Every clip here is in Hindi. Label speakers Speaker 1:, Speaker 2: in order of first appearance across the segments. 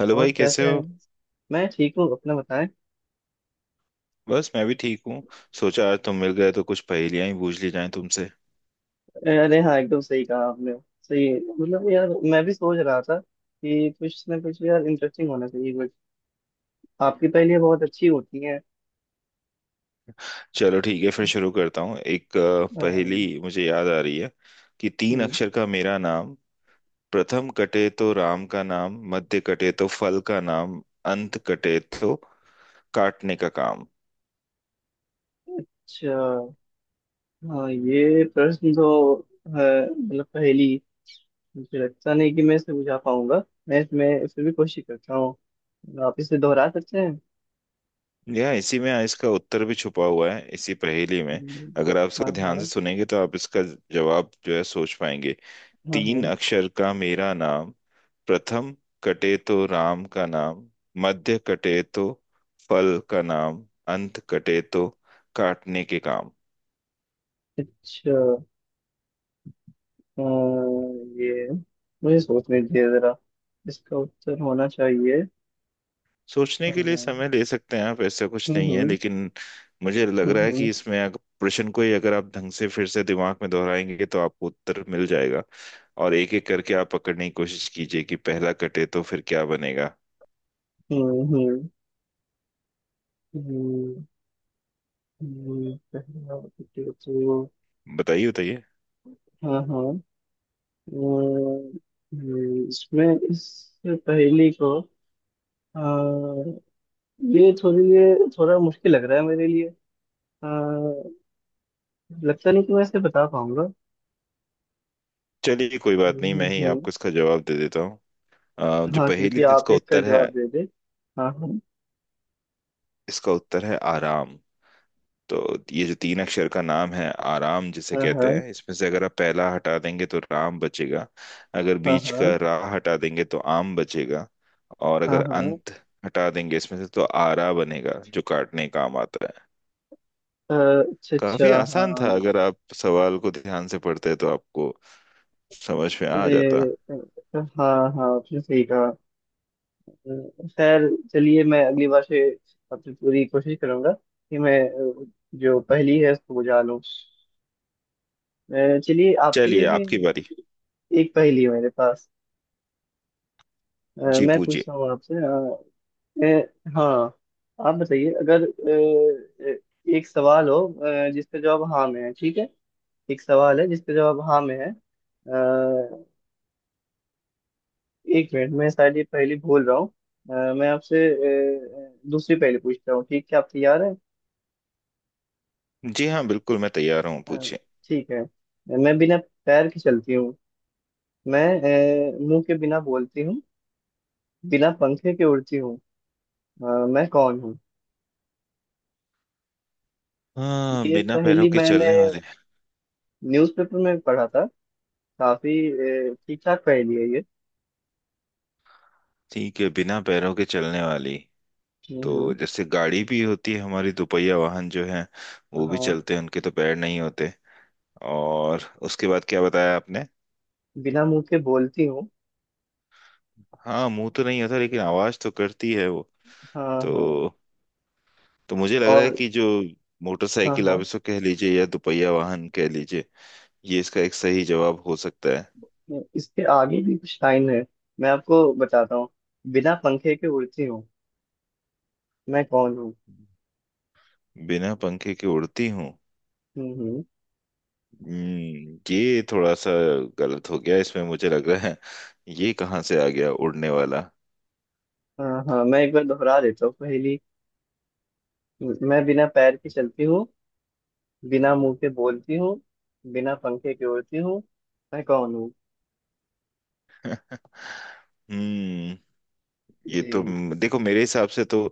Speaker 1: हेलो
Speaker 2: और
Speaker 1: भाई
Speaker 2: कैसे
Speaker 1: कैसे हो।
Speaker 2: हैं? मैं ठीक हूँ। अपना बताएं।
Speaker 1: बस मैं भी ठीक हूँ। सोचा आज तुम मिल गए तो कुछ पहेलियां ही पूछ ली जाएं तुमसे।
Speaker 2: अरे हाँ, एकदम सही कहा आपने। सही मतलब, यार मैं भी सोच रहा था कि कुछ ना कुछ यार इंटरेस्टिंग होना चाहिए कुछ। आपकी पहेलियाँ बहुत अच्छी होती हैं।
Speaker 1: चलो ठीक है फिर शुरू करता हूँ। एक पहेली
Speaker 2: अम,
Speaker 1: मुझे याद आ रही है कि तीन
Speaker 2: हम्म।
Speaker 1: अक्षर का मेरा नाम, प्रथम कटे तो राम का नाम, मध्य कटे तो फल का नाम, अंत कटे तो काटने का काम।
Speaker 2: अच्छा। हाँ, ये प्रश्न तो मतलब पहेली। मुझे लगता नहीं कि मैं इसे बुझा पाऊंगा। मैं इसमें फिर भी कोशिश करता हूँ। आप इसे दोहरा सकते हैं?
Speaker 1: यह इसी में इसका उत्तर भी छुपा हुआ है, इसी पहेली में।
Speaker 2: हम्म।
Speaker 1: अगर आप
Speaker 2: हाँ,
Speaker 1: इसको ध्यान से
Speaker 2: हाँ।
Speaker 1: सुनेंगे तो आप इसका जवाब जो है सोच पाएंगे।
Speaker 2: हाँ,
Speaker 1: तीन
Speaker 2: हाँ।
Speaker 1: अक्षर का मेरा नाम, प्रथम कटे तो राम का नाम, मध्य कटे तो फल का नाम, अंत कटे तो काटने के काम।
Speaker 2: अच्छा। ये मुझे सोचने दीजिए जरा। इसका उत्तर होना चाहिए।
Speaker 1: सोचने के लिए
Speaker 2: हम्म,
Speaker 1: समय ले सकते हैं आप, ऐसा कुछ नहीं है,
Speaker 2: हम्म,
Speaker 1: लेकिन मुझे लग रहा है कि
Speaker 2: हम्म,
Speaker 1: इसमें अगर प्रश्न को ही अगर आप ढंग से फिर से दिमाग में दोहराएंगे तो आपको उत्तर मिल जाएगा। और एक एक करके आप पकड़ने की कोशिश कीजिए कि पहला कटे तो फिर क्या बनेगा।
Speaker 2: हम्म। हम्म। हम्म। पहला विकेट तो-।
Speaker 1: बताइए बताइए।
Speaker 2: हाँ, हाँ। अह, इसमें इस पहेली को अह, ये थोड़ा मुश्किल लग रहा है मेरे लिए। अह, लगता नहीं कि मैं इसे बता पाऊंगा।
Speaker 1: चलिए कोई बात नहीं, मैं ही
Speaker 2: हम्म।
Speaker 1: आपको इसका जवाब दे देता हूँ। जो
Speaker 2: हाँ,
Speaker 1: पहेली
Speaker 2: कृपया
Speaker 1: थी
Speaker 2: आप
Speaker 1: इसका
Speaker 2: इसका
Speaker 1: उत्तर है,
Speaker 2: जवाब दे दे। हाँ, हाँ।
Speaker 1: इसका उत्तर है आराम। तो ये जो तीन अक्षर का नाम है आराम जिसे कहते
Speaker 2: हाँ,
Speaker 1: हैं, इसमें से अगर आप पहला हटा देंगे तो राम बचेगा। अगर
Speaker 2: हाँ,
Speaker 1: बीच का
Speaker 2: हाँ,
Speaker 1: रा हटा देंगे तो आम बचेगा। और
Speaker 2: हाँ,
Speaker 1: अगर
Speaker 2: हाँ।
Speaker 1: अंत हटा देंगे इसमें से तो आरा बनेगा जो काटने का काम आता है।
Speaker 2: अच्छा, अच्छा।
Speaker 1: काफी आसान
Speaker 2: हाँ।
Speaker 1: था, अगर आप सवाल को ध्यान से पढ़ते तो आपको समझ में आ
Speaker 2: अरे
Speaker 1: जाता।
Speaker 2: अ, हाँ, हाँ, आपने सही कहा। खैर चलिए, मैं अगली बार से अपनी पूरी कोशिश करूंगा कि मैं अ, जो पहेली है उसको बुझा लूँ। चलिए, आपके लिए
Speaker 1: चलिए
Speaker 2: भी
Speaker 1: आपकी बारी।
Speaker 2: एक पहेली है मेरे पास। अ,
Speaker 1: जी
Speaker 2: मैं
Speaker 1: पूछिए।
Speaker 2: पूछता हूँ आपसे हाँ। आप बताइए, अगर अ, अ, एक सवाल हो, जिसका जवाब हाँ में है, ठीक है। एक सवाल है जिसका जवाब हाँ में है। अ, एक मिनट, मैं शायद ये पहली भूल रहा हूँ। मैं आपसे दूसरी पहेली पूछता हूँ, ठीक है? आप तैयार है?
Speaker 1: जी हाँ, बिल्कुल मैं तैयार हूँ,
Speaker 2: अ,
Speaker 1: पूछिए।
Speaker 2: ठीक है। मैं बिना पैर के चलती हूँ। मैं मुंह के बिना बोलती हूँ। बिना पंखे के उड़ती हूँ। अ, मैं कौन हूँ?
Speaker 1: हाँ,
Speaker 2: ये
Speaker 1: बिना पैरों
Speaker 2: पहेली
Speaker 1: के
Speaker 2: मैंने
Speaker 1: चलने वाले।
Speaker 2: न्यूज़पेपर में पढ़ा था। काफी ठीक ठाक पहेली है ये।
Speaker 1: ठीक है, बिना पैरों के चलने वाली
Speaker 2: हम्म,
Speaker 1: तो
Speaker 2: हम्म।
Speaker 1: जैसे गाड़ी भी होती है, हमारी दोपहिया वाहन जो है वो भी
Speaker 2: हाँ,
Speaker 1: चलते हैं, उनके तो पैर नहीं होते। और उसके बाद क्या बताया आपने।
Speaker 2: बिना मुंह के बोलती हूँ।
Speaker 1: हाँ, मुंह तो नहीं होता लेकिन आवाज तो करती है वो।
Speaker 2: हाँ, हाँ।
Speaker 1: तो मुझे लग रहा है
Speaker 2: और।
Speaker 1: कि जो
Speaker 2: हाँ,
Speaker 1: मोटरसाइकिल,
Speaker 2: हाँ।
Speaker 1: आप इसको कह लीजिए या दोपहिया वाहन कह लीजिए, ये इसका एक सही जवाब हो सकता है।
Speaker 2: इसके आगे भी कुछ लाइन है। मैं आपको बताता हूँ। बिना पंखे के उड़ती हूँ। मैं कौन हूँ?
Speaker 1: बिना पंखे के उड़ती हूँ?
Speaker 2: हम्म, हम्म।
Speaker 1: ये थोड़ा सा गलत हो गया इसमें, मुझे लग रहा है। ये कहाँ से आ गया उड़ने वाला।
Speaker 2: हाँ, हाँ, मैं एक बार दोहरा देता हूँ पहली। मैं बिना पैर के चलती हूँ। बिना मुंह के बोलती हूँ। बिना पंखे के उड़ती हूँ। मैं कौन हूँ?
Speaker 1: हम्म, ये
Speaker 2: जी।
Speaker 1: तो, देखो मेरे हिसाब से तो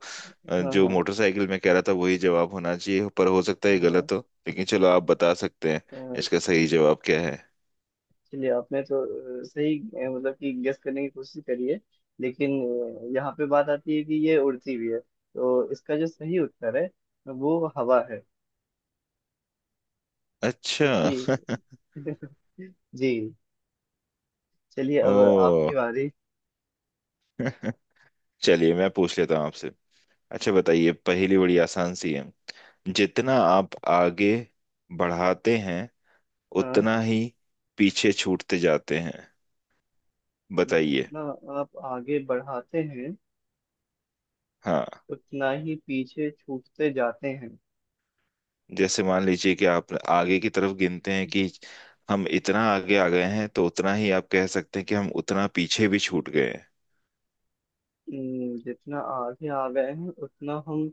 Speaker 2: हाँ
Speaker 1: जो
Speaker 2: हाँ,
Speaker 1: मोटरसाइकिल में कह रहा था वही जवाब होना चाहिए, पर हो सकता है ये
Speaker 2: हाँ।
Speaker 1: गलत हो। लेकिन चलो, आप बता सकते हैं
Speaker 2: अ,
Speaker 1: इसका सही जवाब क्या है।
Speaker 2: चलिए, आपने तो सही मतलब कि गेस करने की कोशिश करी है। लेकिन यहाँ पे बात आती है कि ये उड़ती भी है तो इसका जो सही उत्तर है वो हवा है।
Speaker 1: अच्छा।
Speaker 2: क्योंकि जी। चलिए, अब
Speaker 1: ओ।
Speaker 2: आपकी बारी।
Speaker 1: चलिए मैं पूछ लेता हूँ आपसे। अच्छा बताइए, पहेली बड़ी आसान सी है। जितना आप आगे बढ़ाते हैं
Speaker 2: हाँ।
Speaker 1: उतना ही पीछे छूटते जाते हैं। बताइए।
Speaker 2: जितना आप आगे बढ़ाते हैं
Speaker 1: हाँ।
Speaker 2: उतना ही पीछे छूटते जाते हैं।
Speaker 1: जैसे मान लीजिए कि आप आगे की तरफ गिनते हैं कि हम इतना आगे आ गए हैं, तो उतना ही आप कह सकते हैं कि हम उतना पीछे भी छूट गए हैं।
Speaker 2: जितना आगे आ गए हैं उतना हम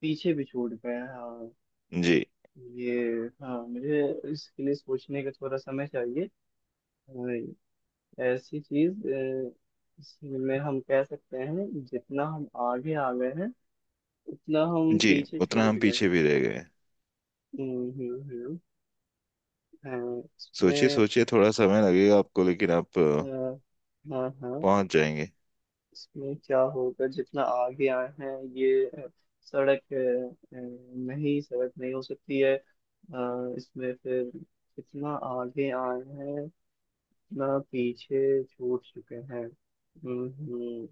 Speaker 2: पीछे भी छूट गए हैं, हाँ।
Speaker 1: जी।
Speaker 2: ये, हाँ, मुझे इसके लिए सोचने का थोड़ा समय चाहिए। हाँ। ऐसी चीज। इसमें हम कह सकते हैं जितना हम आगे आ गए हैं उतना हम
Speaker 1: जी,
Speaker 2: पीछे
Speaker 1: उतना
Speaker 2: छूट
Speaker 1: हम
Speaker 2: गए
Speaker 1: पीछे
Speaker 2: हैं।
Speaker 1: भी रह गए हैं।
Speaker 2: हम्म, हम्म, हम्म। हाँ,
Speaker 1: सोचिए
Speaker 2: इसमें
Speaker 1: सोचिए, थोड़ा समय लगेगा आपको, लेकिन आप
Speaker 2: अ, हाँ, हाँ।
Speaker 1: पहुंच जाएंगे।
Speaker 2: इसमें क्या होगा जितना आगे आए हैं, ये सड़क, नहीं सड़क नहीं हो सकती है, इसमें फिर जितना आगे आए हैं उतना पीछे छूट चुके हैं। हम्म, हम्म।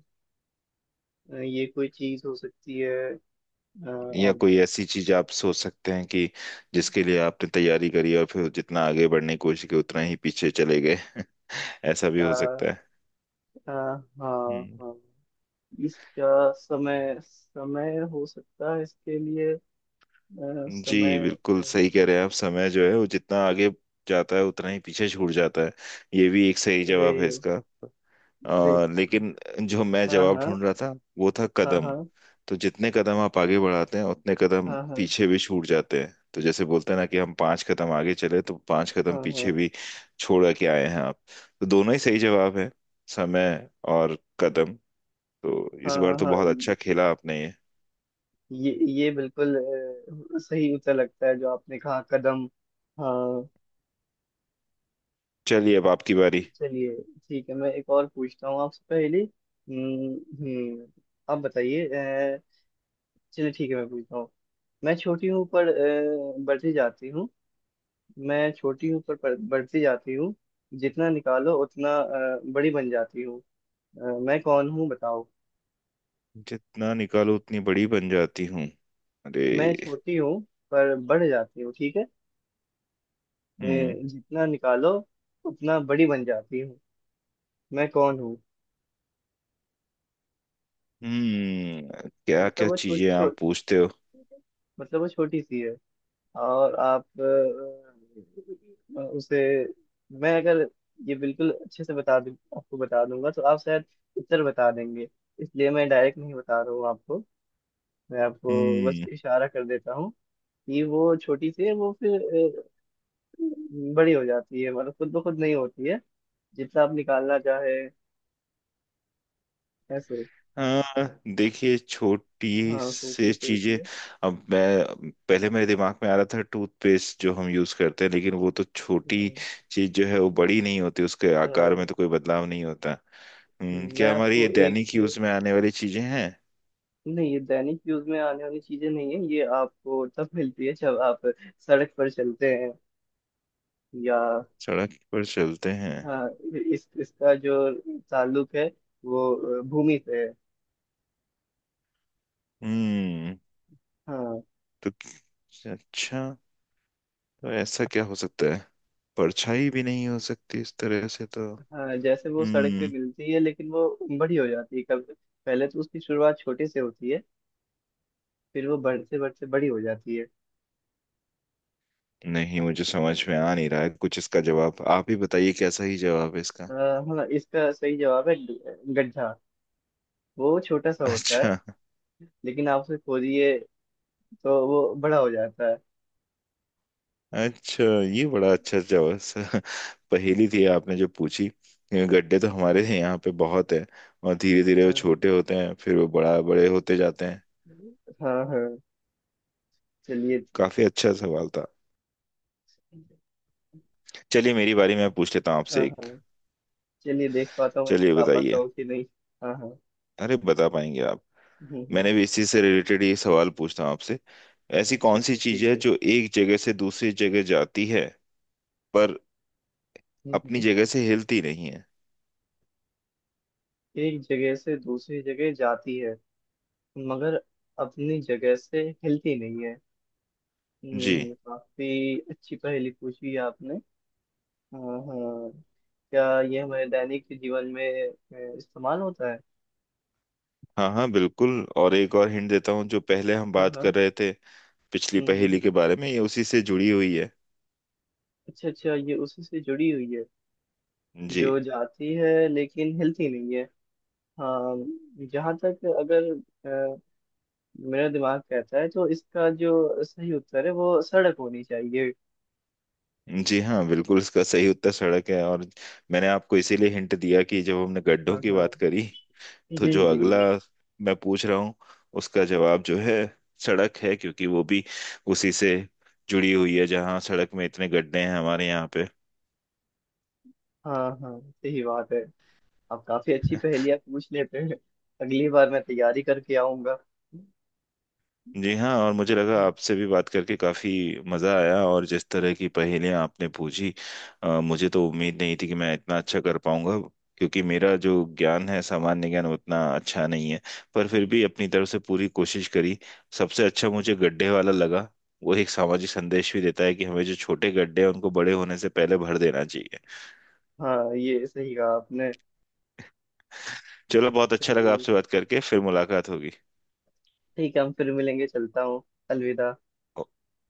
Speaker 2: ये कोई चीज हो सकती है।
Speaker 1: या कोई
Speaker 2: ऑब्जेक्ट।
Speaker 1: ऐसी चीज आप सोच सकते हैं कि जिसके लिए आपने तैयारी करी और फिर जितना आगे बढ़ने की कोशिश की उतना ही पीछे चले गए। ऐसा भी हो
Speaker 2: हाँ,
Speaker 1: सकता
Speaker 2: हाँ।
Speaker 1: है।
Speaker 2: इसका समय समय हो सकता है इसके लिए। समय।
Speaker 1: जी
Speaker 2: अ,
Speaker 1: बिल्कुल सही कह रहे हैं आप, समय जो है वो जितना आगे जाता है उतना ही पीछे छूट जाता है। ये भी एक सही
Speaker 2: रे।
Speaker 1: जवाब है इसका। लेकिन जो मैं
Speaker 2: हाँ,
Speaker 1: जवाब
Speaker 2: हाँ,
Speaker 1: ढूंढ रहा था वो था
Speaker 2: हाँ,
Speaker 1: कदम।
Speaker 2: हाँ,
Speaker 1: तो जितने कदम आप आगे बढ़ाते हैं उतने कदम
Speaker 2: हाँ, हाँ,
Speaker 1: पीछे भी छूट जाते हैं। तो जैसे बोलते हैं ना कि हम पांच कदम आगे चले तो पांच कदम
Speaker 2: हाँ,
Speaker 1: पीछे
Speaker 2: हाँ,
Speaker 1: भी छोड़ के आए हैं आप। तो दोनों ही सही जवाब है, समय और कदम। तो इस
Speaker 2: हाँ,
Speaker 1: बार
Speaker 2: हाँ।
Speaker 1: तो
Speaker 2: हाँ,
Speaker 1: बहुत अच्छा खेला आपने ये।
Speaker 2: ये बिल्कुल सही उत्तर लगता है जो आपने कहा, कदम। हाँ।
Speaker 1: चलिए अब आपकी बारी।
Speaker 2: चलिए ठीक है, मैं एक और पूछता हूँ आपसे पहले। हम्म। हम्म। आप बताइए। अ, चलिए ठीक है, मैं पूछता हूँ। मैं छोटी हूँ पर बढ़ती जाती हूँ। मैं छोटी हूँ पर बढ़ती जाती हूँ। जितना निकालो उतना बड़ी बन जाती हूँ। मैं कौन हूँ बताओ?
Speaker 1: जितना निकालो उतनी बड़ी बन जाती हूँ? अरे।
Speaker 2: मैं छोटी हूँ पर बढ़ जाती हूँ, ठीक है।
Speaker 1: हम्म।
Speaker 2: जितना निकालो उतना बड़ी बन जाती हूँ। मैं कौन हूँ?
Speaker 1: हम्म, क्या
Speaker 2: मतलब
Speaker 1: क्या
Speaker 2: वो छोटी
Speaker 1: चीजें आप
Speaker 2: छोट
Speaker 1: पूछते हो।
Speaker 2: मतलब वो छोटी सी है। और आप उसे। मैं अगर ये बिल्कुल अच्छे से बता दूँ, आपको बता दूंगा तो आप शायद उत्तर बता देंगे। इसलिए मैं डायरेक्ट नहीं बता रहा हूँ आपको। मैं आपको बस
Speaker 1: हम्म।
Speaker 2: इशारा कर देता हूँ। कि वो छोटी सी है, वो फिर बड़ी हो जाती है, मतलब खुद ब खुद नहीं होती है। जितना आप निकालना चाहे। ऐसे।
Speaker 1: हाँ, देखिए छोटी
Speaker 2: हाँ, सोचिए
Speaker 1: से चीजें,
Speaker 2: सोचिए।
Speaker 1: अब मैं पहले, मेरे दिमाग में आ रहा था टूथपेस्ट जो हम यूज करते हैं, लेकिन वो तो छोटी
Speaker 2: हम्म।
Speaker 1: चीज जो है वो बड़ी नहीं होती, उसके
Speaker 2: अ,
Speaker 1: आकार में तो कोई बदलाव नहीं होता। हम्म,
Speaker 2: मैं
Speaker 1: क्या हमारी ये
Speaker 2: आपको
Speaker 1: दैनिक
Speaker 2: एक।
Speaker 1: यूज में आने वाली चीजें हैं?
Speaker 2: नहीं, ये दैनिक यूज में आने वाली चीजें नहीं है, ये आपको तब मिलती है जब आप सड़क पर चलते हैं, या।
Speaker 1: सड़क पर चलते हैं?
Speaker 2: हाँ। इस इसका जो ताल्लुक है वो भूमि से है।
Speaker 1: हम्म,
Speaker 2: हाँ।
Speaker 1: तो अच्छा, तो ऐसा क्या हो सकता है। परछाई भी नहीं हो सकती इस तरह से तो।
Speaker 2: हाँ, जैसे वो सड़क पे
Speaker 1: हम्म,
Speaker 2: मिलती है लेकिन वो बड़ी हो जाती है कब? पहले तो उसकी शुरुआत छोटे से होती है। फिर वो बढ़ते बढ़ते बड़ी हो जाती है।
Speaker 1: नहीं मुझे समझ में आ नहीं रहा है कुछ, इसका जवाब आप ही बताइए कैसा ही जवाब है इसका।
Speaker 2: अ, हाँ, इसका सही जवाब है गड्ढा। वो छोटा सा होता है।
Speaker 1: अच्छा।
Speaker 2: लेकिन आप उसे खोदिए। तो वो बड़ा हो जाता है।
Speaker 1: अच्छा, ये बड़ा अच्छा जवाब स-, पहेली थी आपने जो पूछी। ये गड्ढे तो हमारे यहाँ पे बहुत है। और धीरे धीरे वो छोटे होते हैं फिर वो बड़ा बड़े होते जाते हैं।
Speaker 2: हाँ, हाँ। चलिए।
Speaker 1: काफी अच्छा सवाल था। चलिए मेरी बारी, मैं पूछ लेता हूँ
Speaker 2: हाँ,
Speaker 1: आपसे एक।
Speaker 2: हाँ। चलिए, देख पाता हूँ मैं
Speaker 1: चलिए
Speaker 2: बता पाता
Speaker 1: बताइए।
Speaker 2: हूँ कि नहीं। हाँ, हाँ।
Speaker 1: अरे बता पाएंगे आप।
Speaker 2: हम्म, हम्म।
Speaker 1: मैंने भी इसी से रिलेटेड ये सवाल पूछता हूँ आपसे। ऐसी
Speaker 2: अच्छा,
Speaker 1: कौन सी
Speaker 2: अच्छा,
Speaker 1: चीज
Speaker 2: ठीक
Speaker 1: है
Speaker 2: है।
Speaker 1: जो एक जगह से दूसरी जगह जाती है पर
Speaker 2: हम्म,
Speaker 1: अपनी
Speaker 2: हम्म।
Speaker 1: जगह से हिलती नहीं है।
Speaker 2: एक जगह से दूसरी जगह जाती है, मगर अपनी जगह से हिलती नहीं है।
Speaker 1: जी।
Speaker 2: काफी अच्छी पहेली पूछी है आपने। हाँ, हाँ। क्या ये हमारे दैनिक जीवन में इस्तेमाल होता है?
Speaker 1: हाँ हाँ बिल्कुल, और एक और हिंट देता हूँ, जो पहले हम
Speaker 2: हाँ,
Speaker 1: बात
Speaker 2: हाँ।
Speaker 1: कर रहे थे पिछली
Speaker 2: हम्म,
Speaker 1: पहेली के बारे में, ये उसी से जुड़ी हुई है।
Speaker 2: अच्छा, अच्छा, ये उसी से जुड़ी हुई है।
Speaker 1: जी।
Speaker 2: जो जाती है लेकिन हिलती नहीं है। हाँ, जहाँ तक अगर अ, मेरा दिमाग कहता है तो इसका जो सही उत्तर है वो सड़क होनी चाहिए।
Speaker 1: जी हाँ, बिल्कुल इसका सही उत्तर सड़क है। और मैंने आपको इसीलिए हिंट दिया कि जब हमने गड्ढों
Speaker 2: हाँ,
Speaker 1: की
Speaker 2: हाँ।
Speaker 1: बात करी तो
Speaker 2: जी,
Speaker 1: जो
Speaker 2: जी।
Speaker 1: अगला मैं पूछ रहा हूँ उसका जवाब जो है सड़क है, क्योंकि वो भी उसी से जुड़ी हुई है, जहाँ सड़क में इतने गड्ढे हैं हमारे यहाँ पे।
Speaker 2: हाँ, हाँ, सही बात है। आप काफी अच्छी पहेलियाँ पूछ लेते हैं। अगली बार मैं तैयारी करके आऊंगा।
Speaker 1: जी हाँ, और मुझे लगा आपसे भी बात करके काफ़ी मज़ा आया। और जिस तरह की पहेलियाँ आपने पूछी, मुझे तो उम्मीद नहीं थी कि मैं इतना अच्छा कर पाऊंगा, क्योंकि मेरा जो ज्ञान है, सामान्य ज्ञान उतना अच्छा नहीं है, पर फिर भी अपनी तरफ से पूरी कोशिश करी। सबसे अच्छा मुझे गड्ढे वाला लगा, वो एक सामाजिक संदेश भी देता है कि हमें जो छोटे गड्ढे हैं उनको बड़े होने से पहले भर देना चाहिए।
Speaker 2: हाँ, ये सही कहा आपने।
Speaker 1: चलो बहुत अच्छा लगा
Speaker 2: चलिए।
Speaker 1: आपसे बात करके, फिर मुलाकात होगी।
Speaker 2: ठीक है, हम फिर मिलेंगे, चलता हूँ। अलविदा।